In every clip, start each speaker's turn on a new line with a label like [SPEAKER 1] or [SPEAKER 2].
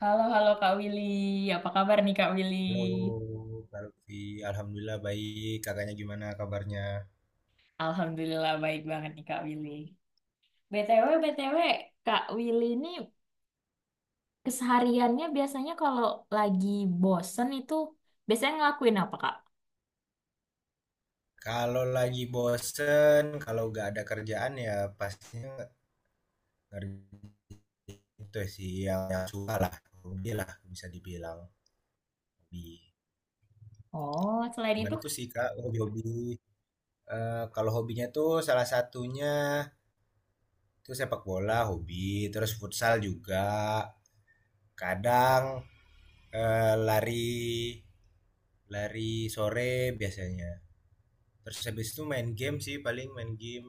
[SPEAKER 1] Halo, halo Kak Willy. Apa kabar nih Kak Willy?
[SPEAKER 2] Halo, Kalvi. Alhamdulillah baik. Kakaknya gimana kabarnya?
[SPEAKER 1] Alhamdulillah baik banget nih Kak Willy. BTW, BTW, Kak Willy ini kesehariannya biasanya kalau lagi bosen itu biasanya ngelakuin apa Kak?
[SPEAKER 2] Kalau lagi bosen, kalau nggak ada kerjaan ya pastinya ngerjain itu sih yang suka lah. Hobi lah bisa dibilang hobi.
[SPEAKER 1] Oh, selain
[SPEAKER 2] Cuman
[SPEAKER 1] itu,
[SPEAKER 2] itu sih Kak, hobi-hobi. Kalau hobinya tuh salah satunya tuh sepak bola hobi, terus futsal juga. Kadang lari lari sore biasanya. Terus habis itu main game sih paling main game.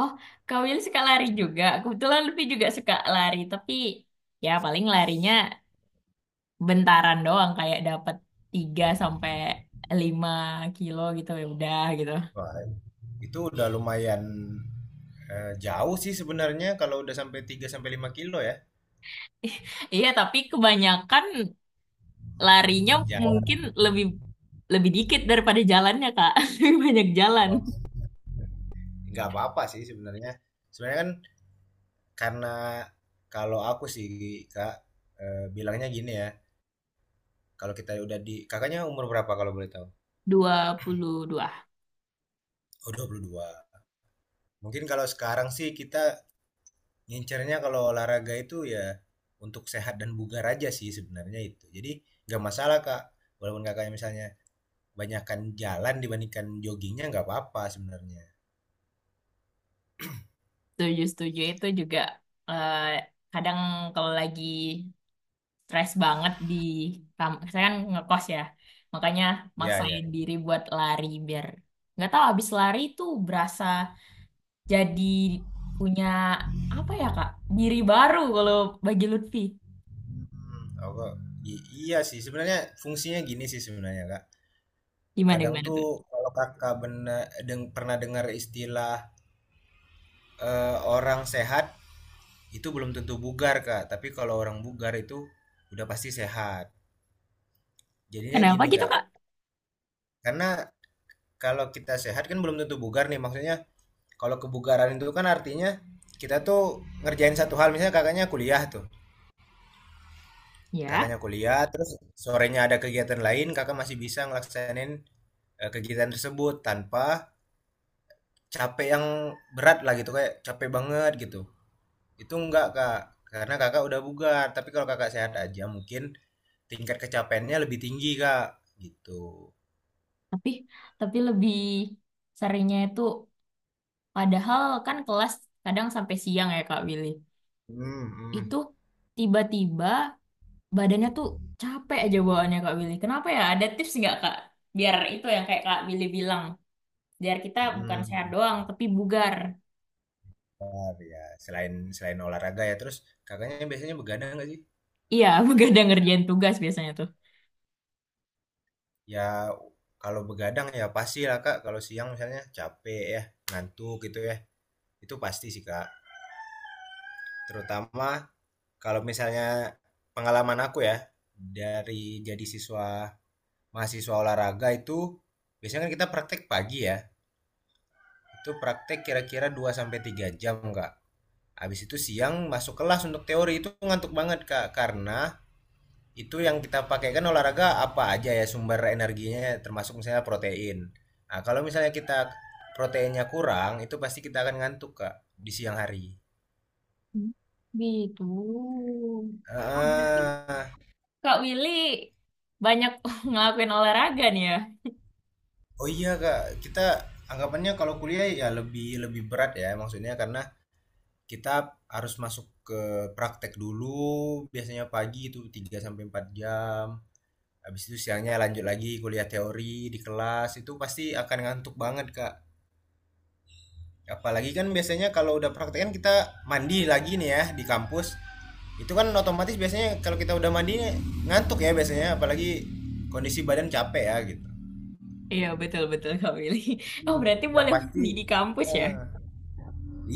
[SPEAKER 1] oh Kak Willy suka lari juga. Kebetulan Lutfi juga suka lari, tapi ya paling larinya bentaran doang kayak dapat 3 sampai 5 km gitu ya udah gitu.
[SPEAKER 2] Wah, itu udah lumayan jauh sih sebenarnya kalau udah sampai 3 sampai 5 kilo ya.
[SPEAKER 1] Iya, tapi kebanyakan larinya
[SPEAKER 2] Jauh
[SPEAKER 1] mungkin lebih lebih dikit daripada jalannya Kak. Lebih banyak jalan.
[SPEAKER 2] nggak apa-apa sih sebenarnya sebenarnya kan, karena kalau aku sih kak, bilangnya gini ya, kalau kita udah di, kakaknya umur berapa kalau boleh tahu?
[SPEAKER 1] 22.
[SPEAKER 2] Oh, 22. Mungkin kalau sekarang sih kita ngincernya kalau olahraga itu ya untuk sehat dan bugar aja sih sebenarnya itu. Jadi nggak masalah kak, walaupun kakaknya misalnya banyakan jalan dibandingkan joggingnya nggak apa-apa sebenarnya.
[SPEAKER 1] Setuju, setuju itu juga eh, kadang kalau lagi stres banget di saya kan ngekos ya. Makanya
[SPEAKER 2] Iya,
[SPEAKER 1] maksain
[SPEAKER 2] iya.
[SPEAKER 1] diri buat lari biar nggak tahu habis lari itu berasa jadi punya apa ya Kak? Diri baru kalau bagi Lutfi.
[SPEAKER 2] Mhm, aku iya sih sebenarnya fungsinya gini sih sebenarnya Kak.
[SPEAKER 1] Gimana
[SPEAKER 2] Kadang
[SPEAKER 1] gimana
[SPEAKER 2] tuh
[SPEAKER 1] tuh?
[SPEAKER 2] kalau Kakak benar pernah dengar istilah orang sehat itu belum tentu bugar Kak, tapi kalau orang bugar itu udah pasti sehat. Jadinya
[SPEAKER 1] Kenapa
[SPEAKER 2] gini
[SPEAKER 1] gitu
[SPEAKER 2] Kak,
[SPEAKER 1] Kak?
[SPEAKER 2] karena kalau kita sehat kan belum tentu bugar nih, maksudnya kalau kebugaran itu kan artinya kita tuh ngerjain satu hal. Misalnya
[SPEAKER 1] Ya.
[SPEAKER 2] Kakaknya kuliah, terus sorenya ada kegiatan lain, kakak masih bisa ngelaksanin kegiatan tersebut tanpa capek yang berat lah gitu, kayak capek banget gitu. Itu enggak kak, karena kakak udah bugar. Tapi kalau kakak sehat aja mungkin tingkat kecapeannya lebih tinggi kak, gitu.
[SPEAKER 1] tapi tapi lebih seringnya itu padahal kan kelas kadang sampai siang ya Kak Willy,
[SPEAKER 2] Hmm. Hmm.
[SPEAKER 1] itu tiba-tiba badannya tuh capek aja bawaannya Kak Willy, kenapa ya, ada tips nggak Kak biar itu yang kayak Kak Willy bilang biar kita bukan sehat
[SPEAKER 2] Hmm.
[SPEAKER 1] doang tapi bugar?
[SPEAKER 2] Bentar, ya. Selain selain olahraga ya, terus kakaknya biasanya begadang nggak sih?
[SPEAKER 1] Iya, begadang ngerjain tugas biasanya tuh.
[SPEAKER 2] Ya kalau begadang ya pasti lah kak. Kalau siang misalnya capek ya, ngantuk gitu ya. Itu pasti sih kak, terutama kalau misalnya pengalaman aku ya, dari jadi siswa mahasiswa olahraga itu biasanya kan kita praktek pagi ya, itu praktek kira-kira 2 sampai 3 jam kak. Habis itu siang masuk kelas untuk teori itu ngantuk banget kak, karena itu yang kita pakai kan olahraga apa aja ya sumber energinya termasuk misalnya protein. Nah, kalau misalnya kita proteinnya kurang itu pasti kita akan ngantuk kak di siang hari.
[SPEAKER 1] Hmm. Gitu. Oh berarti
[SPEAKER 2] ah
[SPEAKER 1] Kak Willy banyak ngelakuin olahraga nih ya.
[SPEAKER 2] Oh iya Kak, kita anggapannya kalau kuliah ya lebih lebih berat ya, maksudnya karena kita harus masuk ke praktek dulu biasanya pagi itu 3 sampai 4 jam. Habis itu siangnya lanjut lagi kuliah teori di kelas itu pasti akan ngantuk banget Kak. Apalagi kan biasanya kalau udah praktek kan kita mandi lagi nih ya di kampus. Itu kan otomatis biasanya kalau kita udah mandi ngantuk ya biasanya, apalagi kondisi badan capek ya gitu.
[SPEAKER 1] Iya, betul-betul Kak Willy. Oh,
[SPEAKER 2] Hmm.
[SPEAKER 1] berarti
[SPEAKER 2] Yang
[SPEAKER 1] boleh
[SPEAKER 2] pasti
[SPEAKER 1] mandi di kampus ya?
[SPEAKER 2] eh,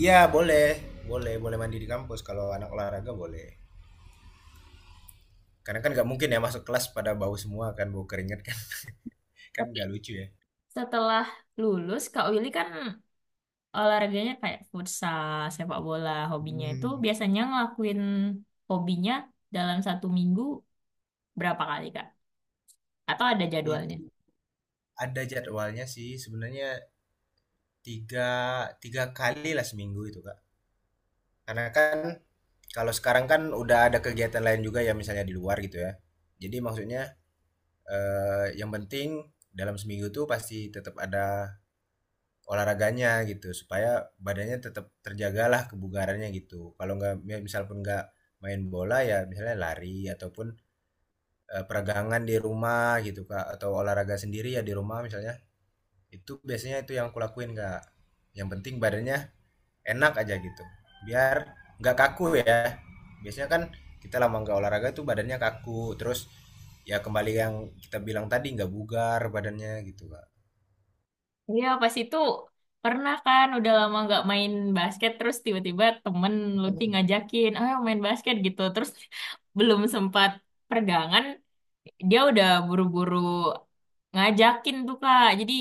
[SPEAKER 2] iya boleh, boleh, boleh mandi di kampus kalau anak olahraga boleh. Karena kan nggak mungkin ya masuk kelas pada bau semua kan, bau keringat kan, kan
[SPEAKER 1] Tapi
[SPEAKER 2] nggak lucu ya.
[SPEAKER 1] setelah lulus, Kak Willy kan olahraganya kayak futsal, sepak bola, hobinya itu
[SPEAKER 2] Hmm,
[SPEAKER 1] biasanya ngelakuin hobinya dalam satu minggu berapa kali, Kak? Atau ada jadwalnya?
[SPEAKER 2] itu ada jadwalnya sih sebenarnya, tiga tiga kali lah seminggu itu Kak. Karena kan kalau sekarang kan udah ada kegiatan lain juga ya misalnya di luar gitu ya. Jadi maksudnya yang penting dalam seminggu tuh pasti tetap ada olahraganya gitu supaya badannya tetap terjagalah kebugarannya gitu. Kalau nggak ya misal pun nggak main bola ya misalnya lari ataupun peregangan di rumah gitu Kak, atau olahraga sendiri ya di rumah misalnya. Itu biasanya itu yang kulakuin Kak. Yang penting badannya enak aja gitu. Biar nggak kaku ya. Biasanya kan kita lama nggak olahraga tuh badannya kaku, terus ya kembali yang kita bilang tadi nggak bugar badannya gitu Kak.
[SPEAKER 1] Iya, pas itu pernah kan udah lama nggak main basket terus tiba-tiba temen Lutfi
[SPEAKER 2] Makanya,
[SPEAKER 1] ngajakin, ayo main basket gitu. Terus belum sempat pergangan, dia udah buru-buru ngajakin tuh Kak. Jadi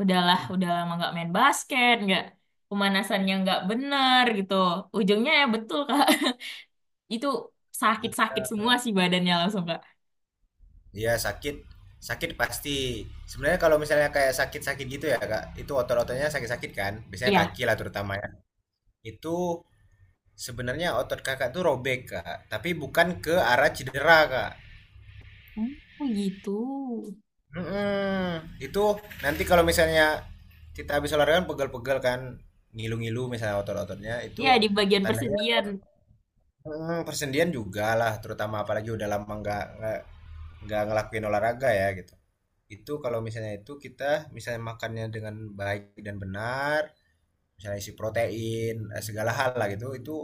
[SPEAKER 1] udahlah, udah lama nggak main basket, nggak pemanasannya nggak bener gitu. Ujungnya ya betul Kak, itu sakit-sakit
[SPEAKER 2] ya,
[SPEAKER 1] semua sih badannya langsung Kak.
[SPEAKER 2] iya sakit, sakit pasti. Sebenarnya kalau misalnya kayak sakit-sakit gitu ya kak, itu otot-ototnya sakit-sakit kan, biasanya
[SPEAKER 1] Iya.
[SPEAKER 2] kaki lah terutama ya. Itu sebenarnya otot kakak tuh robek kak, tapi bukan ke arah cedera kak.
[SPEAKER 1] Oh gitu.
[SPEAKER 2] Mm-mm. Itu nanti kalau misalnya kita habis olahraga kan pegel-pegel kan, ngilu-ngilu misalnya otot-ototnya itu
[SPEAKER 1] Iya di bagian
[SPEAKER 2] tandanya
[SPEAKER 1] persendian.
[SPEAKER 2] persendian juga lah, terutama apalagi udah lama nggak ngelakuin olahraga ya gitu. Itu kalau misalnya itu kita misalnya makannya dengan baik dan benar, misalnya isi protein segala hal lah gitu, itu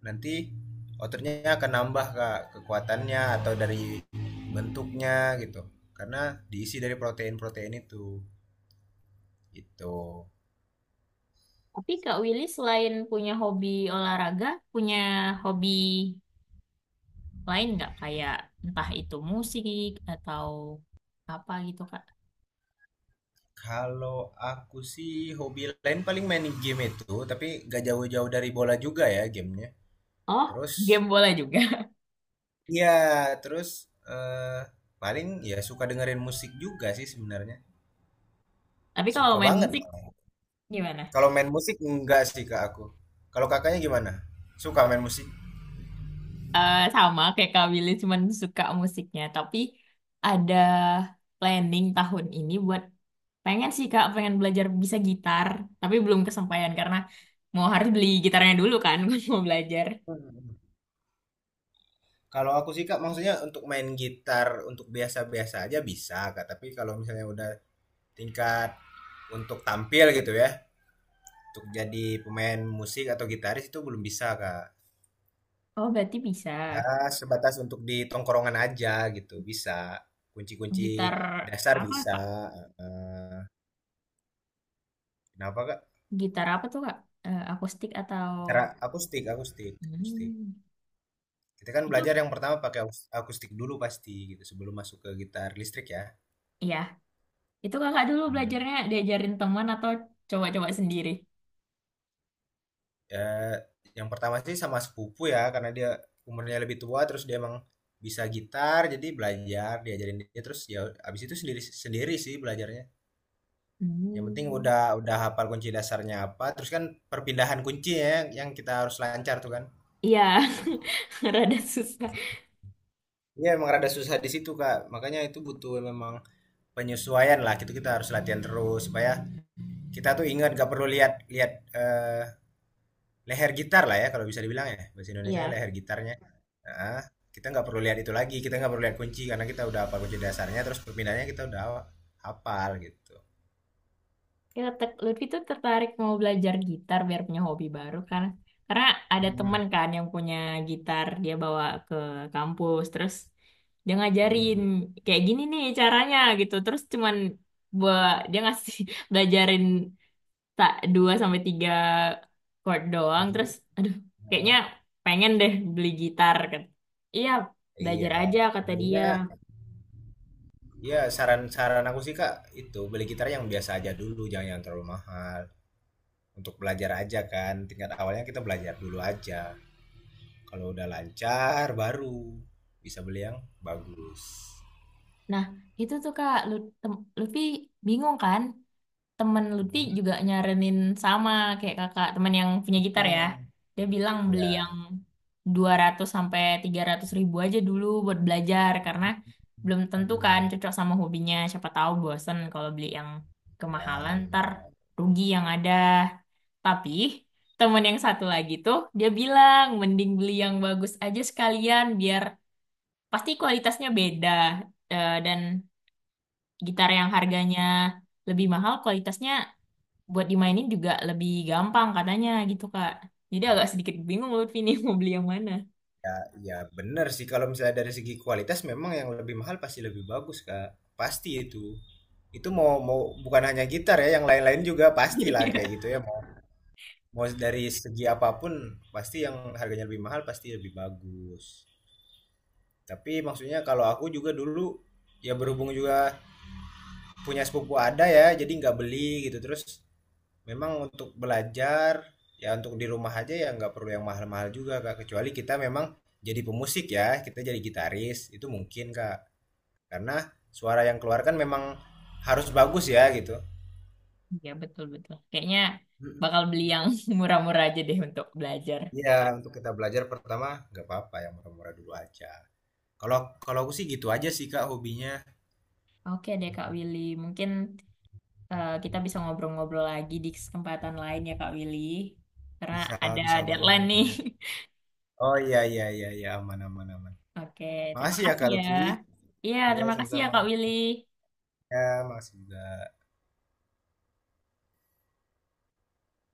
[SPEAKER 2] nanti ototnya akan nambah kak kekuatannya atau dari bentuknya gitu, karena diisi dari protein-protein itu.
[SPEAKER 1] Tapi Kak Willy selain punya hobi olahraga, punya hobi lain nggak? Kayak entah itu musik atau apa gitu Kak.
[SPEAKER 2] Kalau aku sih hobi lain paling main game itu, tapi gak jauh-jauh dari bola juga ya gamenya.
[SPEAKER 1] Oh,
[SPEAKER 2] Terus
[SPEAKER 1] game bola juga.
[SPEAKER 2] ya, terus eh, paling ya suka dengerin musik juga sih sebenarnya.
[SPEAKER 1] Tapi kalau
[SPEAKER 2] Suka
[SPEAKER 1] main
[SPEAKER 2] banget.
[SPEAKER 1] musik gimana?
[SPEAKER 2] Kalau main musik enggak sih Kak aku. Kalau Kakaknya gimana? Suka main musik?
[SPEAKER 1] Eh sama kayak Kak Willy cuman suka musiknya. Tapi ada planning tahun ini buat pengen sih Kak, pengen belajar bisa gitar. Tapi belum kesampaian karena mau harus beli gitarnya dulu kan, mau belajar.
[SPEAKER 2] Hmm. Kalau aku sih Kak, maksudnya untuk main gitar untuk biasa-biasa aja bisa Kak, tapi kalau misalnya udah tingkat untuk tampil gitu ya, untuk jadi pemain musik atau gitaris itu belum bisa Kak.
[SPEAKER 1] Oh, berarti bisa.
[SPEAKER 2] Ya, sebatas untuk di tongkrongan aja gitu, bisa.
[SPEAKER 1] Gitar
[SPEAKER 2] Kunci-kunci dasar
[SPEAKER 1] apa
[SPEAKER 2] bisa.
[SPEAKER 1] Kak?
[SPEAKER 2] Eh, kenapa Kak?
[SPEAKER 1] Gitar apa tuh Kak? Eh, akustik atau
[SPEAKER 2] Cara aku stick.
[SPEAKER 1] hmm,
[SPEAKER 2] Kita kan
[SPEAKER 1] itu
[SPEAKER 2] belajar yang pertama pakai akustik dulu pasti gitu sebelum masuk ke gitar listrik ya.
[SPEAKER 1] ya itu kakak dulu
[SPEAKER 2] Hmm.
[SPEAKER 1] belajarnya diajarin teman atau coba-coba sendiri?
[SPEAKER 2] Ya, yang pertama sih sama sepupu ya karena dia umurnya lebih tua, terus dia emang bisa gitar, jadi belajar diajarin dia. Terus ya abis itu sendiri sendiri sih belajarnya. Yang penting
[SPEAKER 1] Hmm.
[SPEAKER 2] udah hafal kunci dasarnya apa, terus kan perpindahan kunci ya yang kita harus lancar tuh kan.
[SPEAKER 1] Iya, rada susah.
[SPEAKER 2] Iya emang rada susah di situ Kak. Makanya itu butuh memang penyesuaian lah. Gitu kita harus latihan terus supaya kita tuh ingat gak perlu lihat lihat eh, leher gitar lah ya kalau bisa dibilang ya, bahasa Indonesia
[SPEAKER 1] Iya,
[SPEAKER 2] leher gitarnya. Nah, kita nggak perlu lihat itu lagi, kita nggak perlu lihat kunci karena kita udah apa kunci dasarnya, terus perpindahannya kita udah hafal gitu.
[SPEAKER 1] ya Lutfi tuh tertarik mau belajar gitar biar punya hobi baru kan. Karena ada
[SPEAKER 2] Hmm.
[SPEAKER 1] teman kan yang punya gitar, dia bawa ke kampus, terus dia ngajarin
[SPEAKER 2] Hmm.
[SPEAKER 1] kayak gini nih caranya gitu. Terus cuman buat dia ngasih belajarin tak 2 sampai 3 chord doang terus
[SPEAKER 2] Kunci.
[SPEAKER 1] aduh kayaknya pengen deh beli gitar kan iya belajar
[SPEAKER 2] Iya
[SPEAKER 1] aja kata dia.
[SPEAKER 2] belinya ya, saran-saran aku sih kak, itu beli gitar yang biasa aja dulu, jangan yang terlalu mahal, untuk belajar aja kan tingkat awalnya kita belajar dulu aja. Kalau udah lancar baru bisa beli yang bagus.
[SPEAKER 1] Nah itu tuh kak Lutfi bingung kan, temen Lutfi juga nyaranin sama kayak kakak temen yang punya gitar ya,
[SPEAKER 2] Hmm.
[SPEAKER 1] dia bilang beli yang
[SPEAKER 2] Ya.
[SPEAKER 1] Rp200.000 sampai Rp300.000 aja dulu buat belajar karena belum tentu kan cocok sama hobinya, siapa tahu bosen kalau beli yang kemahalan
[SPEAKER 2] Ya,
[SPEAKER 1] ntar
[SPEAKER 2] bener.
[SPEAKER 1] rugi yang ada. Tapi temen yang satu lagi tuh dia bilang mending beli yang bagus aja sekalian biar pasti kualitasnya beda. Eh, dan gitar yang harganya lebih mahal kualitasnya buat dimainin juga lebih gampang katanya gitu Kak. Jadi
[SPEAKER 2] Ya,
[SPEAKER 1] agak sedikit bingung Lutfi nih mau beli yang mana.
[SPEAKER 2] ya, ya, bener sih kalau misalnya dari segi kualitas memang yang lebih mahal pasti lebih bagus, Kak. Pasti itu. Itu mau mau bukan hanya gitar ya, yang lain-lain juga pastilah kayak
[SPEAKER 1] Iya.
[SPEAKER 2] gitu ya. Mau dari segi apapun pasti yang harganya lebih mahal pasti lebih bagus. Tapi maksudnya kalau aku juga dulu ya berhubung juga punya sepupu ada ya, jadi nggak beli gitu. Terus memang untuk belajar, ya untuk di rumah aja ya nggak perlu yang mahal-mahal juga Kak. Kecuali kita memang jadi pemusik ya, kita jadi gitaris, itu mungkin Kak. Karena suara yang keluar kan memang harus bagus ya gitu.
[SPEAKER 1] Iya betul-betul. Kayaknya
[SPEAKER 2] Mm,
[SPEAKER 1] bakal beli yang murah-murah aja deh untuk belajar.
[SPEAKER 2] iya, untuk kita belajar pertama nggak apa-apa yang murah-murah dulu aja. Kalau kalau aku sih gitu aja sih Kak hobinya.
[SPEAKER 1] Oke deh Kak Willy, mungkin kita bisa ngobrol-ngobrol lagi di kesempatan lain ya Kak Willy. Karena
[SPEAKER 2] Bisa,
[SPEAKER 1] ada
[SPEAKER 2] bisa
[SPEAKER 1] deadline
[SPEAKER 2] banget.
[SPEAKER 1] nih.
[SPEAKER 2] Oh, iya iya iya iya, aman aman aman.
[SPEAKER 1] Oke, terima
[SPEAKER 2] Makasih ya
[SPEAKER 1] kasih
[SPEAKER 2] Kak
[SPEAKER 1] ya.
[SPEAKER 2] Lutfi.
[SPEAKER 1] Iya,
[SPEAKER 2] Ya
[SPEAKER 1] terima kasih ya
[SPEAKER 2] sama-sama.
[SPEAKER 1] Kak Willy.
[SPEAKER 2] Ya, makasih juga.